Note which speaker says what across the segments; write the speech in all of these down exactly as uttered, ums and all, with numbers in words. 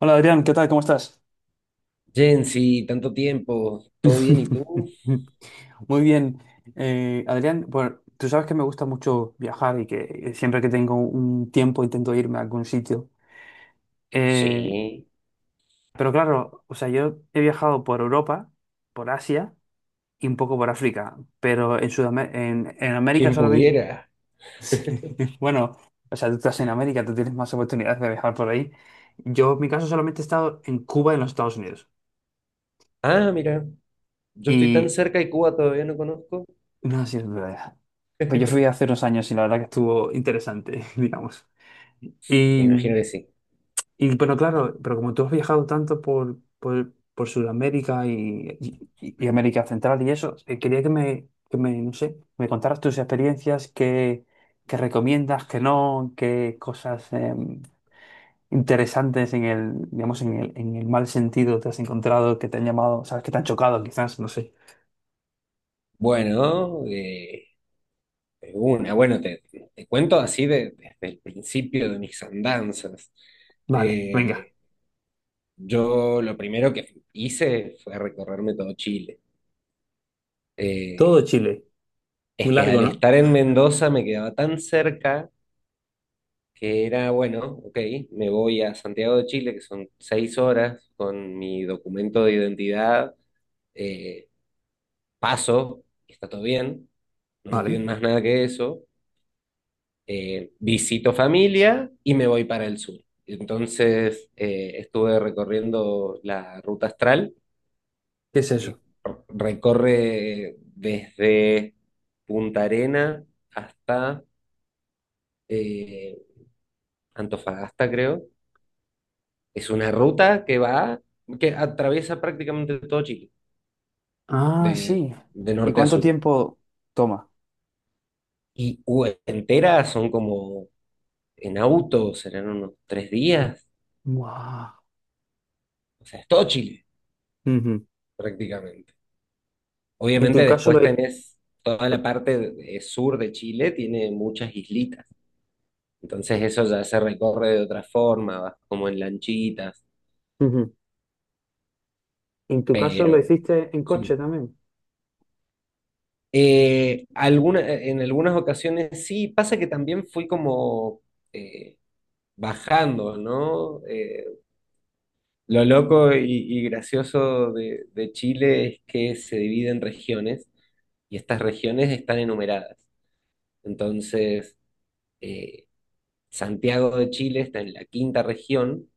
Speaker 1: Hola Adrián, ¿qué tal? ¿Cómo estás?
Speaker 2: Jensi, tanto tiempo, ¿todo bien y tú?
Speaker 1: Muy bien. Eh, Adrián, bueno, tú sabes que me gusta mucho viajar y que siempre que tengo un tiempo intento irme a algún sitio. Eh,
Speaker 2: Sí,
Speaker 1: pero claro, o sea, yo he viajado por Europa, por Asia y un poco por África, pero en Sudamérica, en, en América
Speaker 2: quien
Speaker 1: solamente...
Speaker 2: pudiera.
Speaker 1: Sí, bueno, o sea, tú estás en América, tú tienes más oportunidades de viajar por ahí. Yo, en mi caso, solamente he estado en Cuba y en los Estados Unidos.
Speaker 2: Ah, mira, yo estoy tan
Speaker 1: Y
Speaker 2: cerca de Cuba, todavía no conozco.
Speaker 1: no sí sido dura. Pues yo fui hace unos años y la verdad que estuvo interesante, digamos. Y,
Speaker 2: Me imagino que sí.
Speaker 1: y bueno, claro, pero como tú has viajado tanto por, por, por Sudamérica y, y- y América Central y eso, eh, quería que me, que me, no sé, me contaras tus experiencias, qué, qué recomiendas, qué no, qué cosas eh, interesantes en el, digamos, en el, en el mal sentido te has encontrado, que te han llamado, sabes, que te han chocado quizás, no sé.
Speaker 2: Bueno, eh, una, bueno, te, te cuento así de- desde el principio de mis andanzas.
Speaker 1: Vale, venga.
Speaker 2: Eh, yo lo primero que hice fue recorrerme todo Chile. Eh,
Speaker 1: Todo Chile.
Speaker 2: es
Speaker 1: Muy
Speaker 2: que
Speaker 1: largo,
Speaker 2: al
Speaker 1: ¿no?
Speaker 2: estar en Mendoza me quedaba tan cerca que era, bueno, ok, me voy a Santiago de Chile, que son seis horas, con mi documento de identidad, eh, paso, y está todo bien, no me
Speaker 1: Vale.
Speaker 2: piden más nada que eso, eh, visito familia y me voy para el sur. Entonces eh, estuve recorriendo la ruta astral,
Speaker 1: ¿Qué es eso?
Speaker 2: que recorre desde Punta Arena hasta eh, Antofagasta, creo. Es una ruta que va, que atraviesa prácticamente todo Chile,
Speaker 1: Ah,
Speaker 2: de,
Speaker 1: sí.
Speaker 2: de
Speaker 1: ¿Y
Speaker 2: norte a
Speaker 1: cuánto
Speaker 2: sur.
Speaker 1: tiempo toma?
Speaker 2: Y uh, entera son como en auto, serán unos tres días.
Speaker 1: Guau.
Speaker 2: O sea, es todo Chile,
Speaker 1: Ujú.
Speaker 2: prácticamente.
Speaker 1: En tu
Speaker 2: Obviamente
Speaker 1: caso lo,
Speaker 2: después tenés toda la parte de- sur de Chile, tiene muchas islitas. Entonces eso ya se recorre de otra forma, vas como en lanchitas,
Speaker 1: ujú. En tu caso lo
Speaker 2: pero
Speaker 1: hiciste en coche
Speaker 2: sí.
Speaker 1: también.
Speaker 2: Eh, alguna- en algunas ocasiones sí, pasa que también fui como... eh, bajando, ¿no? Eh, lo loco y, y gracioso de, de Chile es que se divide en regiones y estas regiones están enumeradas. Entonces, eh, Santiago de Chile está en la quinta región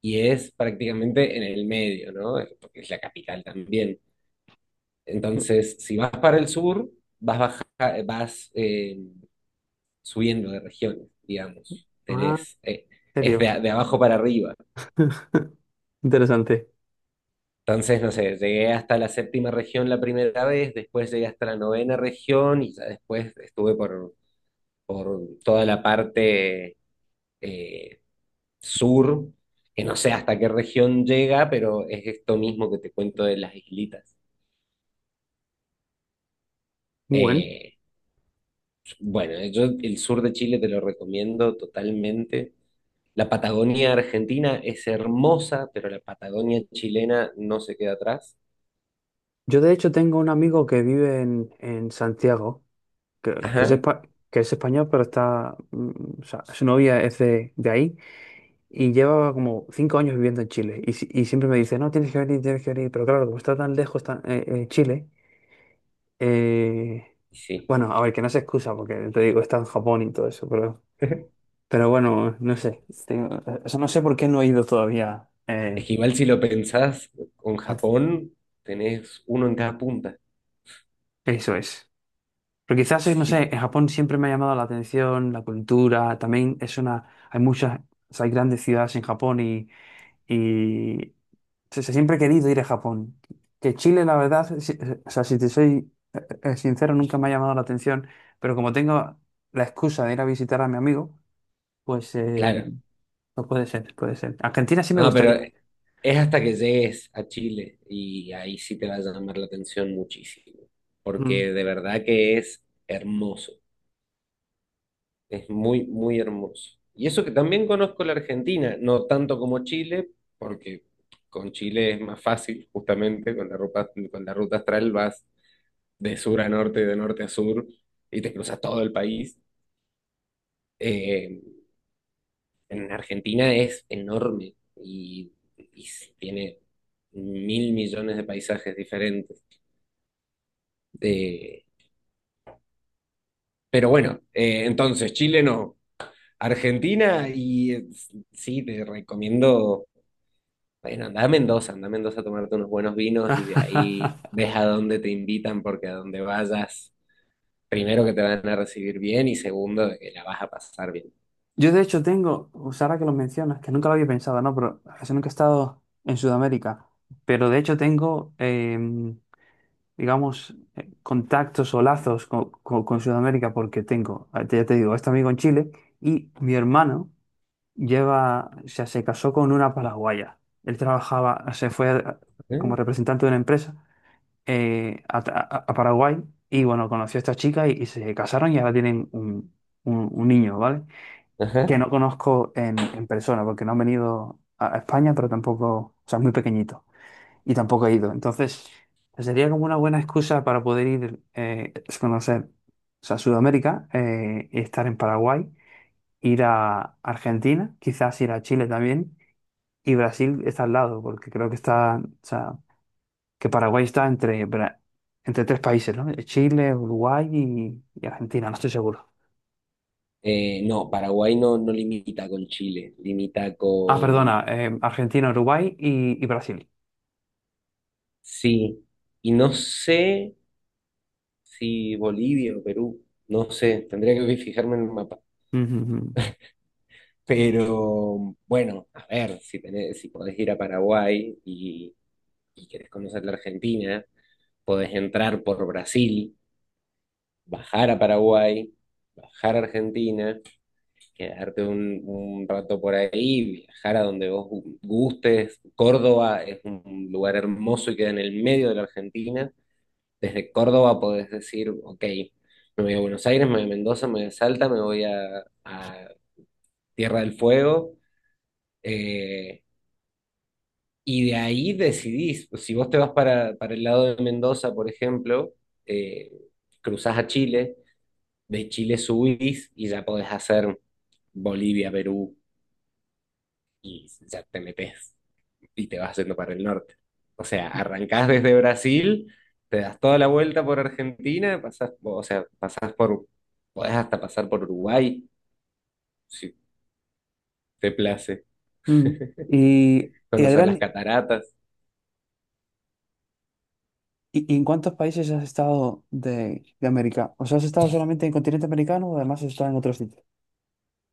Speaker 2: y es prácticamente en el medio, ¿no? Porque es la capital también.
Speaker 1: Ujú.
Speaker 2: Entonces, si vas para el sur, vas, baja- vas eh, subiendo de regiones, digamos.
Speaker 1: Ah,
Speaker 2: Tenés, eh,
Speaker 1: ¿en
Speaker 2: es de,
Speaker 1: serio?
Speaker 2: a- de abajo para arriba.
Speaker 1: Interesante.
Speaker 2: Entonces, no sé, llegué hasta la séptima región la primera vez, después llegué hasta la novena región y ya después estuve por, por toda la parte eh, sur, que no sé hasta qué región llega, pero es esto mismo que te cuento de las islitas.
Speaker 1: Muy bueno.
Speaker 2: Eh, bueno, yo el sur de Chile te lo recomiendo totalmente. La Patagonia argentina es hermosa, pero la Patagonia chilena no se queda atrás.
Speaker 1: Yo de hecho tengo un amigo que vive en, en Santiago, que, que es
Speaker 2: Ajá,
Speaker 1: espa- que es español, pero está, mm, o sea, su novia es de, de ahí y lleva como cinco años viviendo en Chile. Y, si- y siempre me dice, no, tienes que venir, tienes que venir. Pero claro, como está tan lejos tan- eh, eh, Chile, eh,
Speaker 2: sí.
Speaker 1: bueno, a ver, que no se excusa porque te digo, está en Japón y todo eso, pero, pero bueno, no sé. Tengo- o sea, no sé por qué no he ido todavía. eh,
Speaker 2: Es que igual si lo pensás con
Speaker 1: a-
Speaker 2: Japón, tenés uno en cada punta.
Speaker 1: Eso es. Pero quizás, es, no sé,
Speaker 2: Sí,
Speaker 1: en Japón siempre me ha llamado la atención la cultura. También es una. Hay muchas. O sea, hay grandes ciudades en Japón y. y o sea, siempre he querido ir a Japón. Que Chile, la verdad, si- eh, o sea, si te soy eh, eh, sincero, nunca me ha llamado la atención. Pero como tengo la excusa de ir a visitar a mi amigo, pues. eh,
Speaker 2: claro.
Speaker 1: No puede ser, puede ser. Argentina sí me
Speaker 2: No, pero
Speaker 1: gustaría.
Speaker 2: es hasta que llegues a Chile y ahí sí te va a llamar la atención muchísimo,
Speaker 1: Mm.
Speaker 2: porque de verdad que es hermoso, es muy, muy hermoso. Y eso que también conozco la Argentina, no tanto como Chile, porque con Chile es más fácil, justamente, con la ruta, con la ruta astral vas de sur a norte, de norte a sur, y te cruzas todo el país. Eh, en Argentina es enorme y, y tiene mil millones de paisajes diferentes. Eh, pero bueno, eh, entonces Chile no, Argentina y eh, sí, te recomiendo, bueno, anda a Mendoza, anda a Mendoza a tomarte unos buenos vinos y de ahí ves a dónde te invitan porque a donde vayas, primero que te van a recibir bien y segundo que la vas a pasar bien.
Speaker 1: Yo de hecho tengo, pues ahora que lo mencionas, que nunca lo había pensado, ¿no? Pero casi nunca he estado en Sudamérica. Pero de hecho tengo, em, digamos, eh, contactos o lazos con co- con, Sudamérica porque tengo, eh, ya te digo, este amigo en Chile y mi hermano lleva, o sea, se casó con una paraguaya. Él trabajaba, se fue eh, como
Speaker 2: ¿Eh?
Speaker 1: representante de una empresa eh, a, a- a Paraguay y bueno, conoció a esta chica y, y se casaron y ahora tienen un, un- un niño, ¿vale? Que
Speaker 2: Ajá.
Speaker 1: no conozco en, en persona porque no han venido a, a España, pero tampoco, o sea, es muy pequeñito y tampoco he ido. Entonces, sería como una buena excusa para poder ir eh, a conocer, o sea, Sudamérica, eh, y estar en Paraguay, ir a Argentina, quizás ir a Chile también. Y Brasil está al lado, porque creo que está, que Paraguay está entre, Bra- entre tres países, ¿no? Chile, Uruguay y, y Argentina, no estoy seguro.
Speaker 2: Eh, no, Paraguay no, no limita con Chile, limita
Speaker 1: Ah,
Speaker 2: con.
Speaker 1: perdona, eh, Argentina, Uruguay y, y Brasil.
Speaker 2: Sí, y no sé si Bolivia o Perú, no sé, tendría que fijarme en el mapa.
Speaker 1: Ujú, ujú.
Speaker 2: Pero bueno, a ver, si tenés, si podés ir a Paraguay y, y querés conocer la Argentina, podés entrar por Brasil, bajar a Paraguay, bajar a Argentina, quedarte un, un rato por ahí, viajar a donde vos gustes. Córdoba es un lugar hermoso y queda en el medio de la Argentina. Desde Córdoba podés decir, ok, me voy a Buenos Aires, me voy a Mendoza, me voy a Salta, me voy a, a Tierra del Fuego. eh, y de ahí decidís, pues, si vos te vas para, para el lado de Mendoza, por ejemplo, eh, cruzás a Chile, de Chile subís y ya podés hacer Bolivia, Perú y ya te metés. Y te vas haciendo para el norte. O sea, arrancás desde Brasil, te das toda la vuelta por Argentina, pasás, o sea, pasás por, podés hasta pasar por Uruguay, si te place,
Speaker 1: Ujú. Y, y
Speaker 2: conocer las
Speaker 1: Adrián,
Speaker 2: cataratas.
Speaker 1: ¿y, y en cuántos países has estado de, de América? ¿O sea, has estado solamente en el continente americano o además has estado en otros sitios?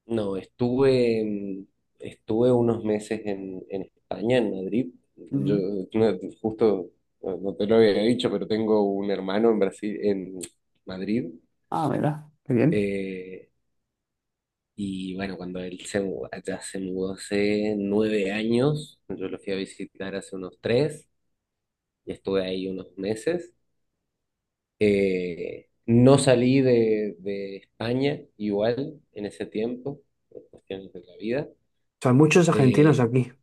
Speaker 2: No, estuve, en- estuve unos meses en, en España, en Madrid. Yo
Speaker 1: Ujú.
Speaker 2: no, justo, no no te lo había dicho, pero tengo un hermano en Brasil, en Madrid.
Speaker 1: Ah, mira, qué bien.
Speaker 2: Eh, Y bueno, cuando él se, mu- allá se mudó hace nueve años, yo lo fui a visitar hace unos tres y estuve ahí unos meses. Eh, no salí de, de España igual en ese tiempo, por cuestiones de la vida.
Speaker 1: O sea, hay muchos argentinos
Speaker 2: Eh,
Speaker 1: aquí.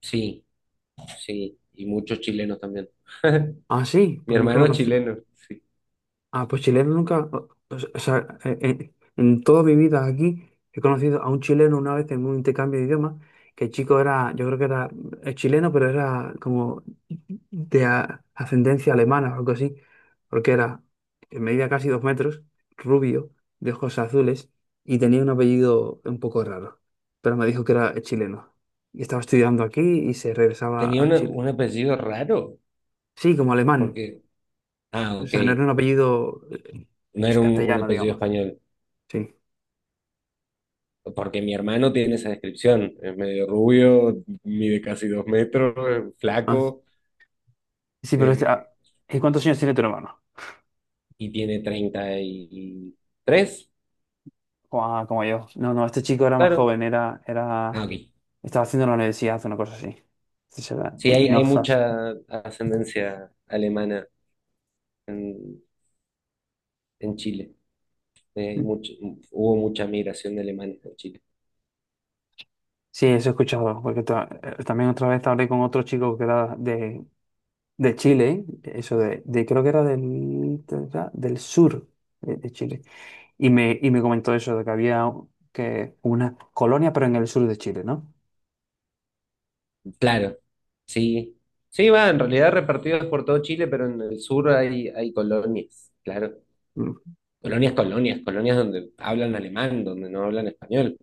Speaker 2: sí, sí, y muchos chilenos también.
Speaker 1: Ah, sí,
Speaker 2: Mi
Speaker 1: pues nunca
Speaker 2: hermano es
Speaker 1: conocí.
Speaker 2: chileno, sí.
Speaker 1: Ah, pues chileno nunca, o, o sea, en, en- en toda mi vida aquí he conocido a un chileno una vez en un intercambio de idiomas, que el chico era, yo creo que era eh, chileno, pero era como de a- ascendencia alemana o algo así, porque era, eh, medía casi dos metros, rubio, de ojos azules y tenía un apellido un poco raro, pero me dijo que era eh, chileno y estaba estudiando aquí y se regresaba
Speaker 2: Tenía
Speaker 1: a
Speaker 2: una-
Speaker 1: Chile.
Speaker 2: un apellido raro,
Speaker 1: Sí, como alemán,
Speaker 2: porque, ah,
Speaker 1: o
Speaker 2: ok,
Speaker 1: sea, no era un apellido eh,
Speaker 2: no
Speaker 1: pues,
Speaker 2: era un, un
Speaker 1: castellano,
Speaker 2: apellido
Speaker 1: digamos.
Speaker 2: español.
Speaker 1: Sí.
Speaker 2: Porque mi hermano tiene esa descripción, es medio rubio, mide casi dos metros, es
Speaker 1: Ah,
Speaker 2: flaco,
Speaker 1: sí, pero este, ah,
Speaker 2: eh,
Speaker 1: ¿y ¿cuántos años tiene tu hermano?
Speaker 2: y tiene treinta y tres.
Speaker 1: Ah, como yo. No, no, este chico era más
Speaker 2: Claro.
Speaker 1: joven, era, era,
Speaker 2: Ah, ok.
Speaker 1: estaba haciendo la universidad, una cosa así. Sí, se
Speaker 2: Sí,
Speaker 1: Y,
Speaker 2: hay,
Speaker 1: y no
Speaker 2: hay
Speaker 1: fas.
Speaker 2: mucha ascendencia alemana en, en Chile. Eh, mucho- hubo mucha migración de alemanes a Chile.
Speaker 1: Sí, eso he escuchado, porque ta- eh, también otra vez hablé con otro chico que era de, de Chile, eso de, de- creo que era del, de- era del sur de, de Chile, y me, y me comentó eso, de que había un- que una colonia, pero en el sur de Chile, ¿no?
Speaker 2: Claro, sí. Sí, va, en realidad repartidos por todo Chile, pero en el sur hay, hay colonias, claro.
Speaker 1: Mm.
Speaker 2: Colonias, colonias, colonias donde hablan alemán, donde no hablan español.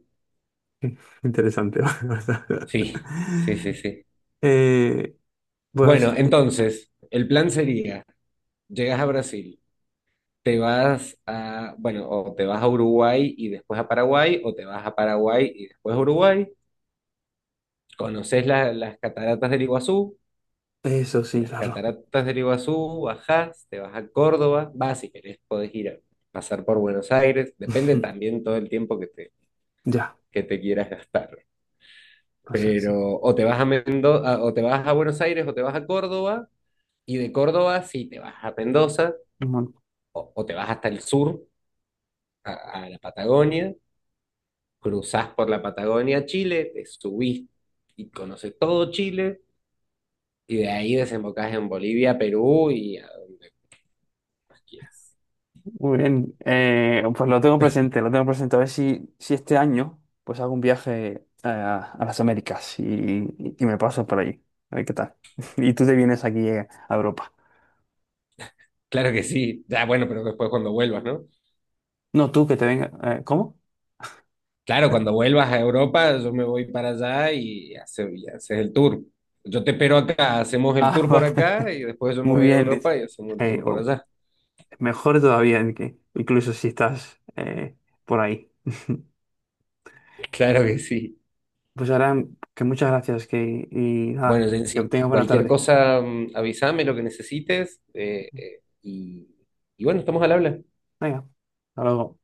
Speaker 1: Interesante. ¿Verdad?
Speaker 2: Sí, sí, sí, sí.
Speaker 1: Eh, pues
Speaker 2: Bueno, entonces, el plan sería, llegas a Brasil, te vas a, bueno, o te vas a Uruguay y después a Paraguay, o te vas a Paraguay y después a Uruguay, conoces la- las cataratas del Iguazú,
Speaker 1: eso
Speaker 2: de
Speaker 1: sí,
Speaker 2: las
Speaker 1: claro.
Speaker 2: cataratas del Iguazú bajás, te vas a Córdoba, vas si querés, podés ir a pasar por Buenos Aires, depende también todo el tiempo que te,
Speaker 1: Ya,
Speaker 2: que te quieras gastar.
Speaker 1: pasar, sí.
Speaker 2: Pero o te vas a Mendoza, o te vas a Buenos Aires, o te vas a Córdoba. Y de Córdoba, si te vas a Mendoza
Speaker 1: Bueno,
Speaker 2: o, o te vas hasta el sur, a, a la Patagonia, cruzás por la Patagonia a Chile, te subís y conoces todo Chile, y de ahí desembocás en Bolivia, Perú y a donde quieras.
Speaker 1: muy bien. Eh, pues lo tengo presente, lo tengo presente. A ver si, si este año pues hago un viaje a, a las Américas y, y y me paso por allí. A ver qué tal. Y tú te vienes aquí eh, a Europa.
Speaker 2: Claro que sí, ya bueno, pero después cuando vuelvas, ¿no?
Speaker 1: No, tú que te vengas. Eh, ¿cómo?
Speaker 2: Claro, cuando vuelvas a Europa, yo me voy para allá y, hace- y haces el tour. Yo te espero acá, hacemos el
Speaker 1: Ah,
Speaker 2: tour por
Speaker 1: vale.
Speaker 2: acá y después yo me
Speaker 1: Muy
Speaker 2: voy a
Speaker 1: bien.
Speaker 2: Europa y hacemos el
Speaker 1: Eh,
Speaker 2: tour por
Speaker 1: o-
Speaker 2: allá.
Speaker 1: Mejor todavía, que incluso si estás eh, por ahí.
Speaker 2: Claro que sí.
Speaker 1: Pues ahora que muchas gracias que, y
Speaker 2: Bueno,
Speaker 1: nada, que
Speaker 2: Jensi,
Speaker 1: tengas buena
Speaker 2: cualquier
Speaker 1: tarde.
Speaker 2: cosa, mm, avísame lo que necesites eh, eh, y, y bueno, estamos al habla.
Speaker 1: Venga, hasta luego.